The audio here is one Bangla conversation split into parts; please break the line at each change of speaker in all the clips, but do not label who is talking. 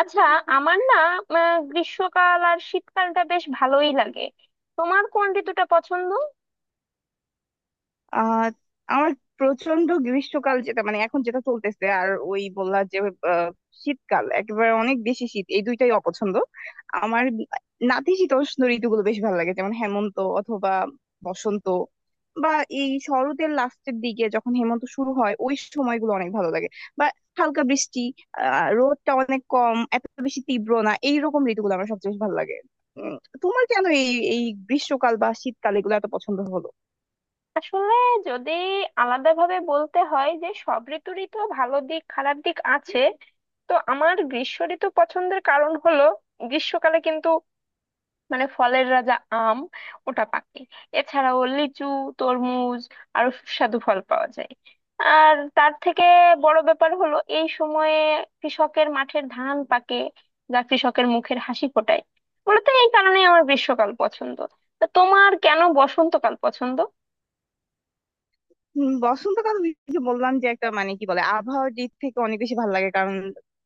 আচ্ছা। আমার না, গ্রীষ্মকাল আর শীতকালটা বেশ ভালোই লাগে। তোমার কোন ঋতুটা পছন্দ?
আহ আমার প্রচন্ড গ্রীষ্মকাল যেটা মানে এখন যেটা চলতেছে, আর ওই বললা যে আহ, শীতকাল একেবারে অনেক বেশি শীত, এই দুইটাই অপছন্দ। আমার নাতিশীতোষ্ণ ঋতুগুলো বেশ ভালো লাগে, যেমন হেমন্ত অথবা বসন্ত, বা এই শরতের লাস্টের দিকে যখন হেমন্ত শুরু হয় ওই সময়গুলো অনেক ভালো লাগে, বা হালকা বৃষ্টি। রোদটা অনেক কম, এত বেশি তীব্র না, এইরকম ঋতুগুলো আমার সবচেয়ে বেশি ভালো লাগে। উম, তোমার কেন এই এই গ্রীষ্মকাল বা শীতকাল এগুলো এত পছন্দ হলো?
আসলে যদি আলাদাভাবে বলতে হয় যে সব ঋতুরই তো ভালো দিক খারাপ দিক আছে। তো আমার গ্রীষ্ম ঋতু পছন্দের কারণ হলো, গ্রীষ্মকালে কিন্তু মানে ফলের রাজা আম, ওটা পাকে। এছাড়াও লিচু, তরমুজ, আরো সুস্বাদু ফল পাওয়া যায়। আর তার থেকে বড় ব্যাপার হলো, এই সময়ে কৃষকের মাঠের ধান পাকে, যা কৃষকের মুখের হাসি ফোটায়। মূলত এই কারণেই আমার গ্রীষ্মকাল পছন্দ। তা তোমার কেন বসন্তকাল পছন্দ?
বসন্তকাল ওই যে বললাম যে একটা মানে কি বলে আবহাওয়ার দিক থেকে অনেক বেশি ভালো লাগে, কারণ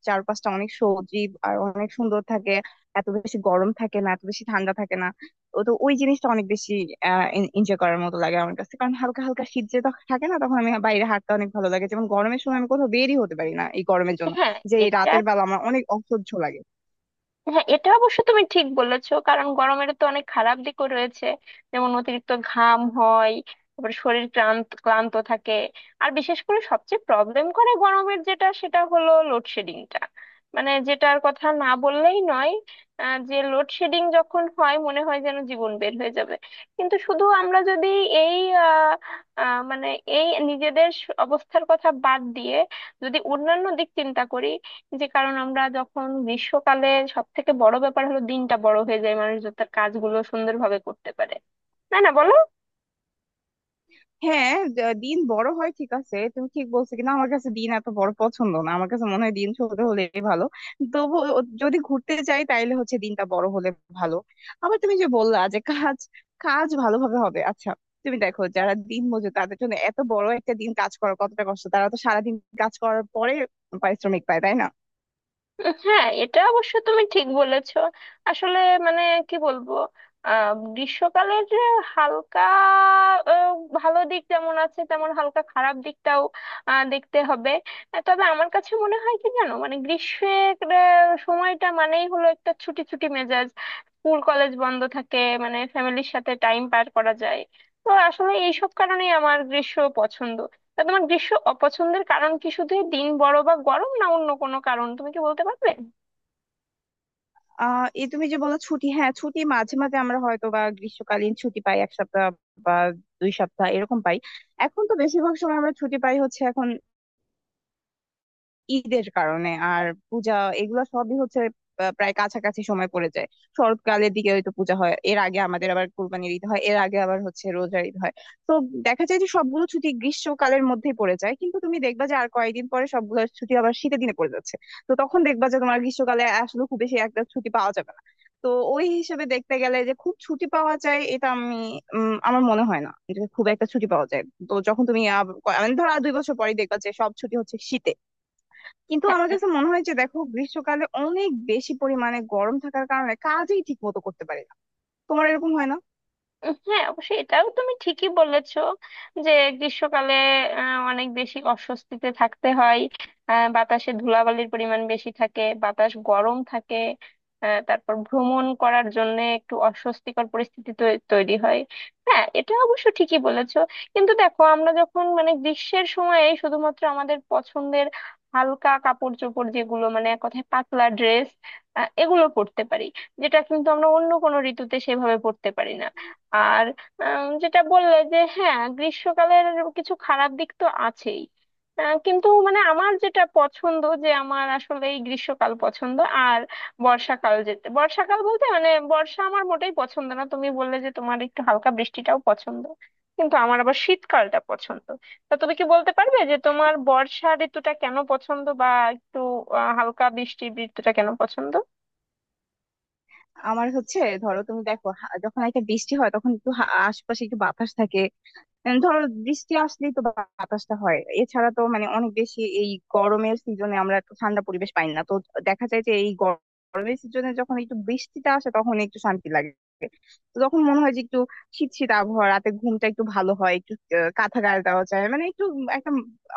চারপাশটা অনেক সজীব আর অনেক সুন্দর থাকে। এত বেশি গরম থাকে না, এত বেশি ঠান্ডা থাকে না। ও তো ওই জিনিসটা অনেক বেশি এনজয় করার মতো লাগে আমার কাছে, কারণ হালকা হালকা শীত যে তখন থাকে না, তখন আমি বাইরে হাঁটতে অনেক ভালো লাগে। যেমন গরমের সময় আমি কোথাও বেরই হতে পারি না এই গরমের জন্য,
হ্যাঁ
যে এই
এটা
রাতের বেলা আমার অনেক অসহ্য লাগে।
হ্যাঁ, এটা অবশ্য তুমি ঠিক বলেছো, কারণ গরমের তো অনেক খারাপ দিকও রয়েছে। যেমন অতিরিক্ত ঘাম হয়, তারপর শরীর ক্লান্ত ক্লান্ত থাকে। আর বিশেষ করে সবচেয়ে প্রবলেম করে গরমের যেটা, সেটা হলো লোডশেডিংটা, মানে যেটার কথা না বললেই নয়। যে লোডশেডিং যখন হয় মনে হয় যেন জীবন বের হয়ে যাবে। কিন্তু শুধু আমরা যদি এই আহ, মানে এই নিজেদের অবস্থার কথা বাদ দিয়ে যদি অন্যান্য দিক চিন্তা করি, যে কারণ আমরা যখন গ্রীষ্মকালে, সব থেকে বড় ব্যাপার হলো দিনটা বড় হয়ে যায়, মানুষ যাতে তার কাজগুলো সুন্দরভাবে করতে পারে। তাই না, বলো?
হ্যাঁ, দিন বড় হয় ঠিক আছে, তুমি ঠিক বলছো, কিন্তু আমার কাছে দিন এত বড় পছন্দ না, আমার কাছে মনে হয় দিন ছোট হলে ভালো। তবু যদি ঘুরতে যাই তাইলে হচ্ছে দিনটা বড় হলে ভালো। আবার তুমি যে বললা যে কাজ কাজ ভালোভাবে হবে, আচ্ছা তুমি দেখো যারা দিন মজুর তাদের জন্য এত বড় একটা দিন কাজ করা কতটা কষ্ট। তারা তো সারাদিন কাজ করার পরে পারিশ্রমিক পায় তাই না?
হ্যাঁ, এটা অবশ্য তুমি ঠিক বলেছো। আসলে মানে কি বলবো, গ্রীষ্মকালের যে হালকা আহ, ভালো দিক যেমন আছে তেমন হালকা খারাপ দিকটাও দেখতে হবে। তবে আমার কাছে মনে হয় কি জানো, মানে গ্রীষ্মের সময়টা মানেই হলো একটা ছুটি ছুটি মেজাজ। স্কুল কলেজ বন্ধ থাকে, মানে ফ্যামিলির সাথে টাইম পার করা যায়। তো আসলে এইসব কারণেই আমার গ্রীষ্ম পছন্দ। তা তোমার গ্রীষ্ম অপছন্দের কারণ কি শুধু এই দিন বড় বা গরম, না অন্য কোনো কারণ? তুমি কি বলতে পারবে?
এই তুমি যে বলো ছুটি, হ্যাঁ ছুটি মাঝে মাঝে আমরা হয়তো বা গ্রীষ্মকালীন ছুটি পাই এক সপ্তাহ বা 2 সপ্তাহ এরকম পাই। এখন তো বেশিরভাগ সময় আমরা ছুটি পাই হচ্ছে এখন ঈদের কারণে আর পূজা, এগুলো সবই হচ্ছে প্রায় কাছাকাছি সময় পড়ে যায়। শরৎকালের দিকে হয়তো পূজা হয়, এর আগে আমাদের আবার কুরবানির ঈদ হয়, এর আগে আবার হচ্ছে রোজার ঈদ হয়। তো দেখা যায় যে সবগুলো ছুটি গ্রীষ্মকালের মধ্যেই পড়ে যায়, কিন্তু তুমি দেখবা যে আর কয়েকদিন পরে সবগুলো ছুটি আবার শীতের দিনে পড়ে যাচ্ছে। তো তখন দেখবা যে তোমার গ্রীষ্মকালে আসলে খুব বেশি একটা ছুটি পাওয়া যাবে না। তো ওই হিসেবে দেখতে গেলে যে খুব ছুটি পাওয়া যায় এটা আমি, আমার মনে হয় না এটা খুব একটা ছুটি পাওয়া যায়। তো যখন তুমি মানে ধরো আর 2 বছর পরে দেখবা যে সব ছুটি হচ্ছে শীতে। কিন্তু আমার
হ্যাঁ,
কাছে মনে হয় যে দেখো গ্রীষ্মকালে অনেক বেশি পরিমাণে গরম থাকার কারণে কাজই ঠিক মতো করতে পারি না। তোমার এরকম হয় না?
হ্যাঁ, অবশ্যই এটাও তুমি ঠিকই বলেছো যে গ্রীষ্মকালে অনেক বেশি অস্বস্তিতে থাকতে হয়। বাতাসে ধুলাবালির পরিমাণ বেশি থাকে, বাতাস গরম থাকে। তারপর ভ্রমণ করার জন্য একটু অস্বস্তিকর পরিস্থিতি তৈরি হয়। হ্যাঁ, এটা অবশ্য ঠিকই বলেছো। কিন্তু দেখো আমরা যখন মানে গ্রীষ্মের সময়ে শুধুমাত্র আমাদের পছন্দের হালকা কাপড় চোপড়, যেগুলো মানে এক কথায় পাতলা ড্রেস, এগুলো পরতে পারি, যেটা কিন্তু আমরা অন্য কোনো ঋতুতে সেভাবে পরতে পারি না। আর যেটা বললে যে হ্যাঁ গ্রীষ্মকালের কিছু খারাপ দিক তো আছেই, কিন্তু মানে আমার যেটা পছন্দ, যে আমার আসলে এই গ্রীষ্মকাল পছন্দ। আর বর্ষাকাল বলতে মানে বর্ষা আমার মোটেই পছন্দ না। তুমি বললে যে তোমার একটু হালকা বৃষ্টিটাও পছন্দ, কিন্তু আমার আবার শীতকালটা পছন্দ। তা তুমি কি বলতে পারবে যে তোমার বর্ষা ঋতুটা কেন পছন্দ, বা একটু হালকা বৃষ্টি ঋতুটা কেন পছন্দ?
আমার হচ্ছে ধরো তুমি দেখো, যখন একটা বৃষ্টি হয় তখন একটু আশপাশে একটু বাতাস থাকে। ধরো বৃষ্টি আসলেই তো বাতাসটা হয়। এছাড়া তো মানে অনেক বেশি এই গরমের সিজনে আমরা একটু ঠান্ডা পরিবেশ পাই না তো। দেখা যায় যে এই গরমের সিজনে যখন একটু বৃষ্টিটা আসে তখন একটু শান্তি লাগে। তো তখন মনে হয় যে একটু শীত শীত আবহাওয়া, রাতে ঘুমটা একটু ভালো হয়, একটু কাঁথা গায়ে দেওয়া যায়, মানে একটু একটা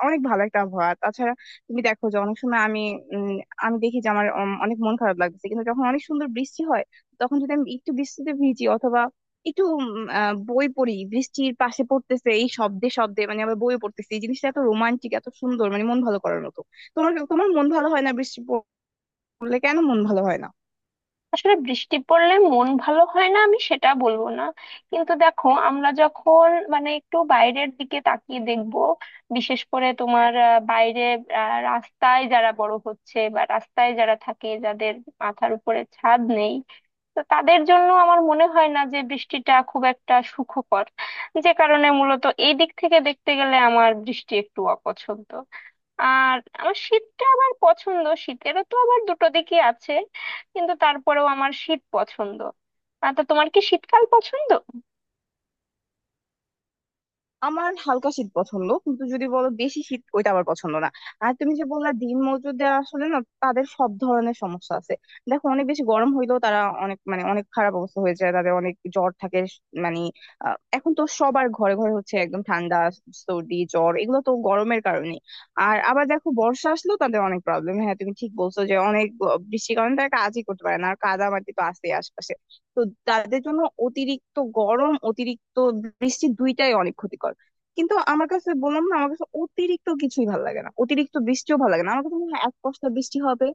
অনেক ভালো একটা আবহাওয়া। তাছাড়া তুমি দেখো যে অনেক সময় আমি, উম, আমি দেখি যে আমার অনেক মন খারাপ লাগছে, কিন্তু যখন অনেক সুন্দর বৃষ্টি হয় তখন যদি আমি একটু বৃষ্টিতে ভিজি অথবা একটু বই পড়ি, বৃষ্টির পাশে পড়তেছে এই শব্দে শব্দে, মানে আবার বই পড়তেছে, এই জিনিসটা এত রোমান্টিক এত সুন্দর মানে মন ভালো করার মতো। তোমার তোমার মন ভালো হয় না বৃষ্টি পড়লে? কেন মন ভালো হয় না?
আসলে বৃষ্টি পড়লে মন ভালো হয় না আমি সেটা বলবো না। কিন্তু দেখো আমরা যখন মানে একটু বাইরের দিকে তাকিয়ে দেখব, বিশেষ করে তোমার বাইরে রাস্তায় যারা বড় হচ্ছে বা রাস্তায় যারা থাকে, যাদের মাথার উপরে ছাদ নেই, তো তাদের জন্য আমার মনে হয় না যে বৃষ্টিটা খুব একটা সুখকর। যে কারণে মূলত এই দিক থেকে দেখতে গেলে আমার বৃষ্টি একটু অপছন্দ। আর আমার শীতটা আবার পছন্দ। শীতেরও তো আবার দুটো দিকই আছে, কিন্তু তারপরেও আমার শীত পছন্দ। তা তোমার কি শীতকাল পছন্দ?
আমার হালকা শীত পছন্দ, কিন্তু যদি বলো বেশি শীত ওইটা আমার পছন্দ না। আর তুমি যে বললা দিন মজুরদের, আসলে না, তাদের সব ধরনের সমস্যা আছে। দেখো অনেক বেশি গরম হইলেও তারা অনেক, মানে অনেক খারাপ অবস্থা হয়ে যায়, তাদের অনেক জ্বর থাকে। মানে এখন তো সবার ঘরে ঘরে হচ্ছে একদম ঠান্ডা সর্দি জ্বর, এগুলো তো গরমের কারণে। আর আবার দেখো বর্ষা আসলেও তাদের অনেক প্রবলেম, হ্যাঁ তুমি ঠিক বলছো যে অনেক বৃষ্টির কারণে তারা কাজই করতে পারে না, আর কাদামাটি তো আছেই আশপাশে। তো তাদের জন্য অতিরিক্ত গরম, অতিরিক্ত বৃষ্টি দুইটাই অনেক ক্ষতিকর। কিন্তু আমার কাছে, বললাম না, আমার কাছে অতিরিক্ত কিছুই ভালো লাগে না, অতিরিক্ত বৃষ্টিও ভালো লাগে না। আমার কাছে মনে হয় এক পশলা বৃষ্টি হবে,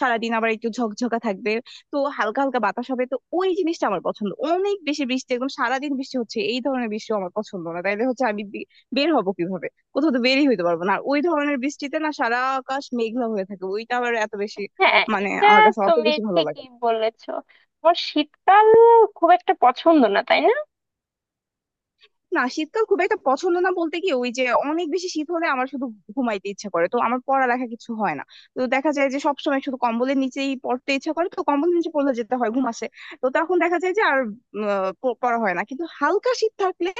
সারাদিন আবার একটু ঝকঝকা থাকবে, তো হালকা হালকা বাতাস হবে, তো ওই জিনিসটা আমার পছন্দ। অনেক বেশি বৃষ্টি, একদম সারাদিন বৃষ্টি হচ্ছে, এই ধরনের বৃষ্টি আমার পছন্দ না, তাইলে হচ্ছে আমি বের হবো কিভাবে? কোথাও তো বেরই হইতে পারবো না। আর ওই ধরনের বৃষ্টিতে না সারা আকাশ মেঘলা হয়ে থাকে, ওইটা আবার এত বেশি,
হ্যাঁ,
মানে
এটা
আমার কাছে অত
তুমি
বেশি ভালো লাগে
ঠিকই
না।
বলেছো। আমার শীতকাল খুব একটা পছন্দ না, তাই না?
না, শীতকাল খুব একটা পছন্দ না বলতে কি, ওই যে অনেক বেশি শীত হলে আমার শুধু ঘুমাইতে ইচ্ছা করে, তো আমার পড়ালেখা কিছু হয় না। তো দেখা যায় যে সবসময় শুধু কম্বলের নিচেই পড়তে ইচ্ছা করে, তো কম্বলের নিচে পড়লে যেতে হয় ঘুম আসে। তো তখন দেখা যায় যে আর পড়া হয় না। কিন্তু হালকা শীত থাকলে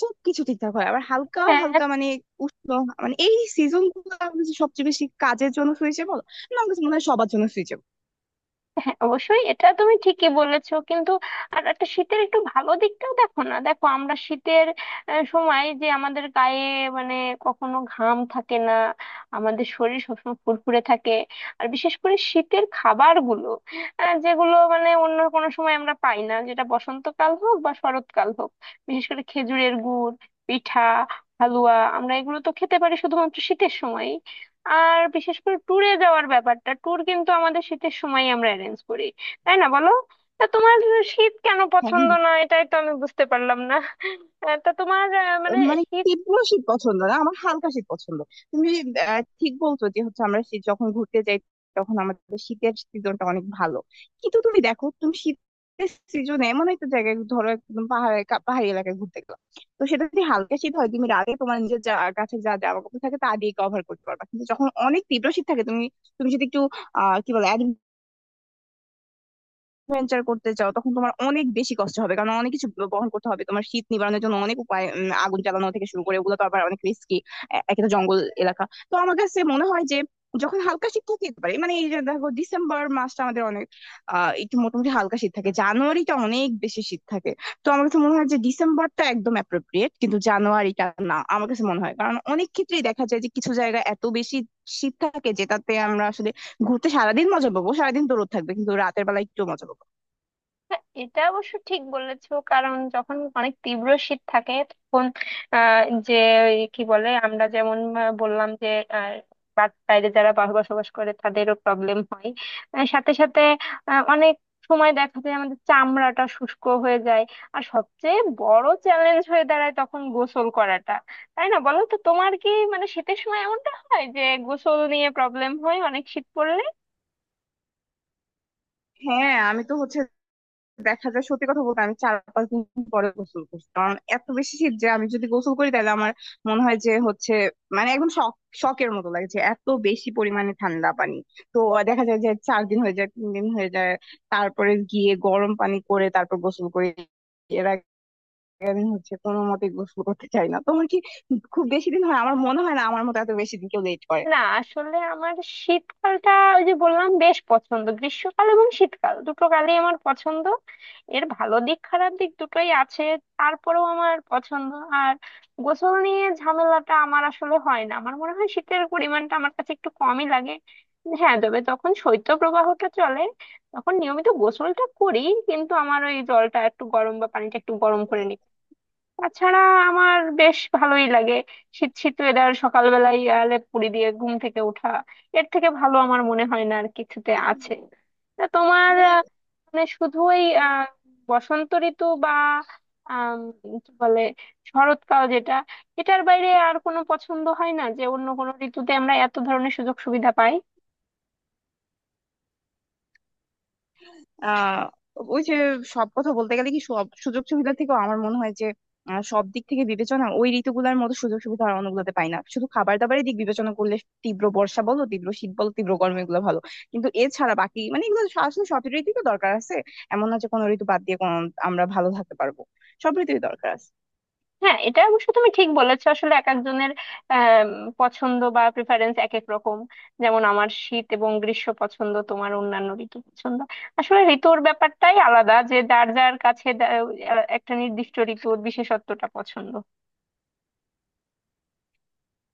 সবকিছু ঠিকঠাক হয়, আবার হালকা
হ্যাঁ,
হালকা মানে উষ্ণ, মানে এই সিজন গুলো আমার কাছে সবচেয়ে বেশি কাজের জন্য সুইচেবল, না আমার কাছে মনে হয় সবার জন্য সুইচেবল।
হ্যাঁ, অবশ্যই এটা তুমি ঠিকই বলেছো, কিন্তু আর একটা শীতের একটু ভালো দিকটাও দেখো না, দেখো আমরা শীতের সময় যে আমাদের গায়ে মানে কখনো ঘাম থাকে না, আমাদের শরীর সবসময় ফুরফুরে থাকে। আর বিশেষ করে শীতের খাবারগুলো, যেগুলো মানে অন্য কোনো সময় আমরা পাই না, যেটা বসন্তকাল হোক বা শরৎকাল হোক। বিশেষ করে খেজুরের গুড়, পিঠা, হালুয়া, আমরা এগুলো তো খেতে পারি শুধুমাত্র শীতের সময়। আর বিশেষ করে ট্যুরে যাওয়ার ব্যাপারটা, ট্যুর কিন্তু আমাদের শীতের সময় আমরা অ্যারেঞ্জ করি। তাই না, বলো? তা তোমার শীত কেন পছন্দ না, এটাই তো আমি বুঝতে পারলাম না। তা তোমার মানে
মানে
শীত।
তীব্র শীত পছন্দ না, আমার হালকা শীত পছন্দ। তুমি ঠিক বলছো যে হচ্ছে আমরা শীত যখন ঘুরতে যাই তখন আমাদের শীতের সিজনটা অনেক ভালো। কিন্তু তুমি দেখো, তুমি শীতের সিজনে এমন একটা জায়গায়, ধরো একদম পাহাড়ে পাহাড়ি এলাকায় ঘুরতে গেলাম, তো সেটা যদি হালকা শীত হয় তুমি রাতে তোমার নিজের যা কাছে যা জামা কাপড় থাকে তা দিয়ে কভার করতে পারবা। কিন্তু যখন অনেক তীব্র শীত থাকে, তুমি তুমি যদি একটু আহ কি বলে ভেঞ্চার করতে চাও তখন তোমার অনেক বেশি কষ্ট হবে, কারণ অনেক কিছু বহন করতে হবে তোমার শীত নিবারণের জন্য, অনেক উপায়, আগুন জ্বালানো থেকে শুরু করে, ওগুলো তো আবার অনেক রিস্কি, একটা জঙ্গল এলাকা। তো আমার কাছে মনে হয় যে যখন হালকা শীত থাকে যেতে পারে, মানে এই যে দেখো ডিসেম্বর মাসটা আমাদের অনেক একটু মোটামুটি হালকা শীত থাকে, জানুয়ারিটা অনেক বেশি শীত থাকে। তো আমার কাছে মনে হয় যে ডিসেম্বরটা একদম অ্যাপ্রোপ্রিয়েট, কিন্তু জানুয়ারিটা না আমার কাছে মনে হয়, কারণ অনেক ক্ষেত্রেই দেখা যায় যে কিছু জায়গায় এত বেশি শীত থাকে যেটাতে আমরা আসলে ঘুরতে সারাদিন মজা পাবো, সারাদিন তো রোদ থাকবে, কিন্তু রাতের বেলা একটু মজা পাবো না।
হ্যাঁ, এটা অবশ্য ঠিক বলেছো, কারণ যখন অনেক তীব্র শীত থাকে তখন আহ, যে ওই কি বলে আমরা যেমন বললাম যে আহ, বাইরে যারা বসবাস করে তাদেরও প্রবলেম হয়। সাথে সাথে অনেক সময় দেখা যায় আমাদের চামড়াটা শুষ্ক হয়ে যায়। আর সবচেয়ে বড় চ্যালেঞ্জ হয়ে দাঁড়ায় তখন গোসল করাটা। তাই না, বলো? তো তোমার কি মানে শীতের সময় এমনটা হয় যে গোসল নিয়ে প্রবলেম হয় অনেক শীত পড়লে?
হ্যাঁ, আমি তো হচ্ছে দেখা যায়, সত্যি কথা বলতে আমি 4-5 দিন পরে গোসল করছি, কারণ এত বেশি শীত যে আমি যদি গোসল করি তাহলে আমার মনে হয় যে হচ্ছে মানে একদম শক, শকের মতো লাগছে, এত বেশি পরিমাণে ঠান্ডা পানি। তো দেখা যায় যে 4 দিন হয়ে যায়, 3 দিন হয়ে যায়, তারপরে গিয়ে গরম পানি করে তারপর গোসল করি। এর আগে আমি হচ্ছে কোনো মতে গোসল করতে চাই না। তোমার কি খুব বেশি দিন হয়? আমার মনে হয় না আমার মতো এত বেশি দিন কেউ লেট করে।
না, আসলে আমার শীতকালটা ওই যে বললাম বেশ পছন্দ। গ্রীষ্মকাল এবং শীতকাল দুটো কালই আমার পছন্দ। এর ভালো দিক খারাপ দিক দুটোই আছে, তারপরেও আমার পছন্দ। আর গোসল নিয়ে ঝামেলাটা আমার আসলে হয় না। আমার মনে হয় শীতের পরিমাণটা আমার কাছে একটু কমই লাগে। হ্যাঁ, তবে তখন শৈত্যপ্রবাহটা চলে, তখন নিয়মিত গোসলটা করি, কিন্তু আমার ওই জলটা একটু গরম বা পানিটা একটু গরম করে নিই। তাছাড়া আমার বেশ ভালোই লাগে শীত শীত ওয়েদার, সকালবেলায় লেপ মুড়ি দিয়ে ঘুম থেকে ওঠা। এর থেকে ভালো আমার মনে হয় না আর কিছুতে আছে। তা তোমার মানে শুধু ওই বসন্ত ঋতু বা আম, কি বলে শরৎকাল, যেটা এটার বাইরে আর কোনো পছন্দ হয় না? যে অন্য কোনো ঋতুতে আমরা এত ধরনের সুযোগ সুবিধা পাই?
আহ ওই যে সব কথা বলতে গেলে কি, সব সুযোগ সুবিধা থেকেও আমার মনে হয় যে সব দিক থেকে বিবেচনা ওই ঋতুগুলোর মতো সুযোগ সুবিধা আর অন্যগুলোতে পাই না। শুধু খাবার দাবারের দিক বিবেচনা করলে, তীব্র বর্ষা বলো, তীব্র শীত বলো, তীব্র গরম, এগুলো ভালো, কিন্তু এছাড়া বাকি মানে এগুলো আসলে সব ঋতুই তো দরকার আছে। এমন না যে কোনো ঋতু বাদ দিয়ে কোনো আমরা ভালো থাকতে পারবো, সব ঋতুই দরকার আছে।
হ্যাঁ, এটা অবশ্য তুমি ঠিক বলেছো। আসলে এক একজনের আম, পছন্দ বা প্রেফারেন্স এক এক রকম। যেমন আমার শীত এবং গ্রীষ্ম পছন্দ, তোমার অন্যান্য ঋতু পছন্দ। আসলে ঋতুর ব্যাপারটাই আলাদা, যে যার যার কাছে একটা নির্দিষ্ট ঋতুর বিশেষত্বটা পছন্দ।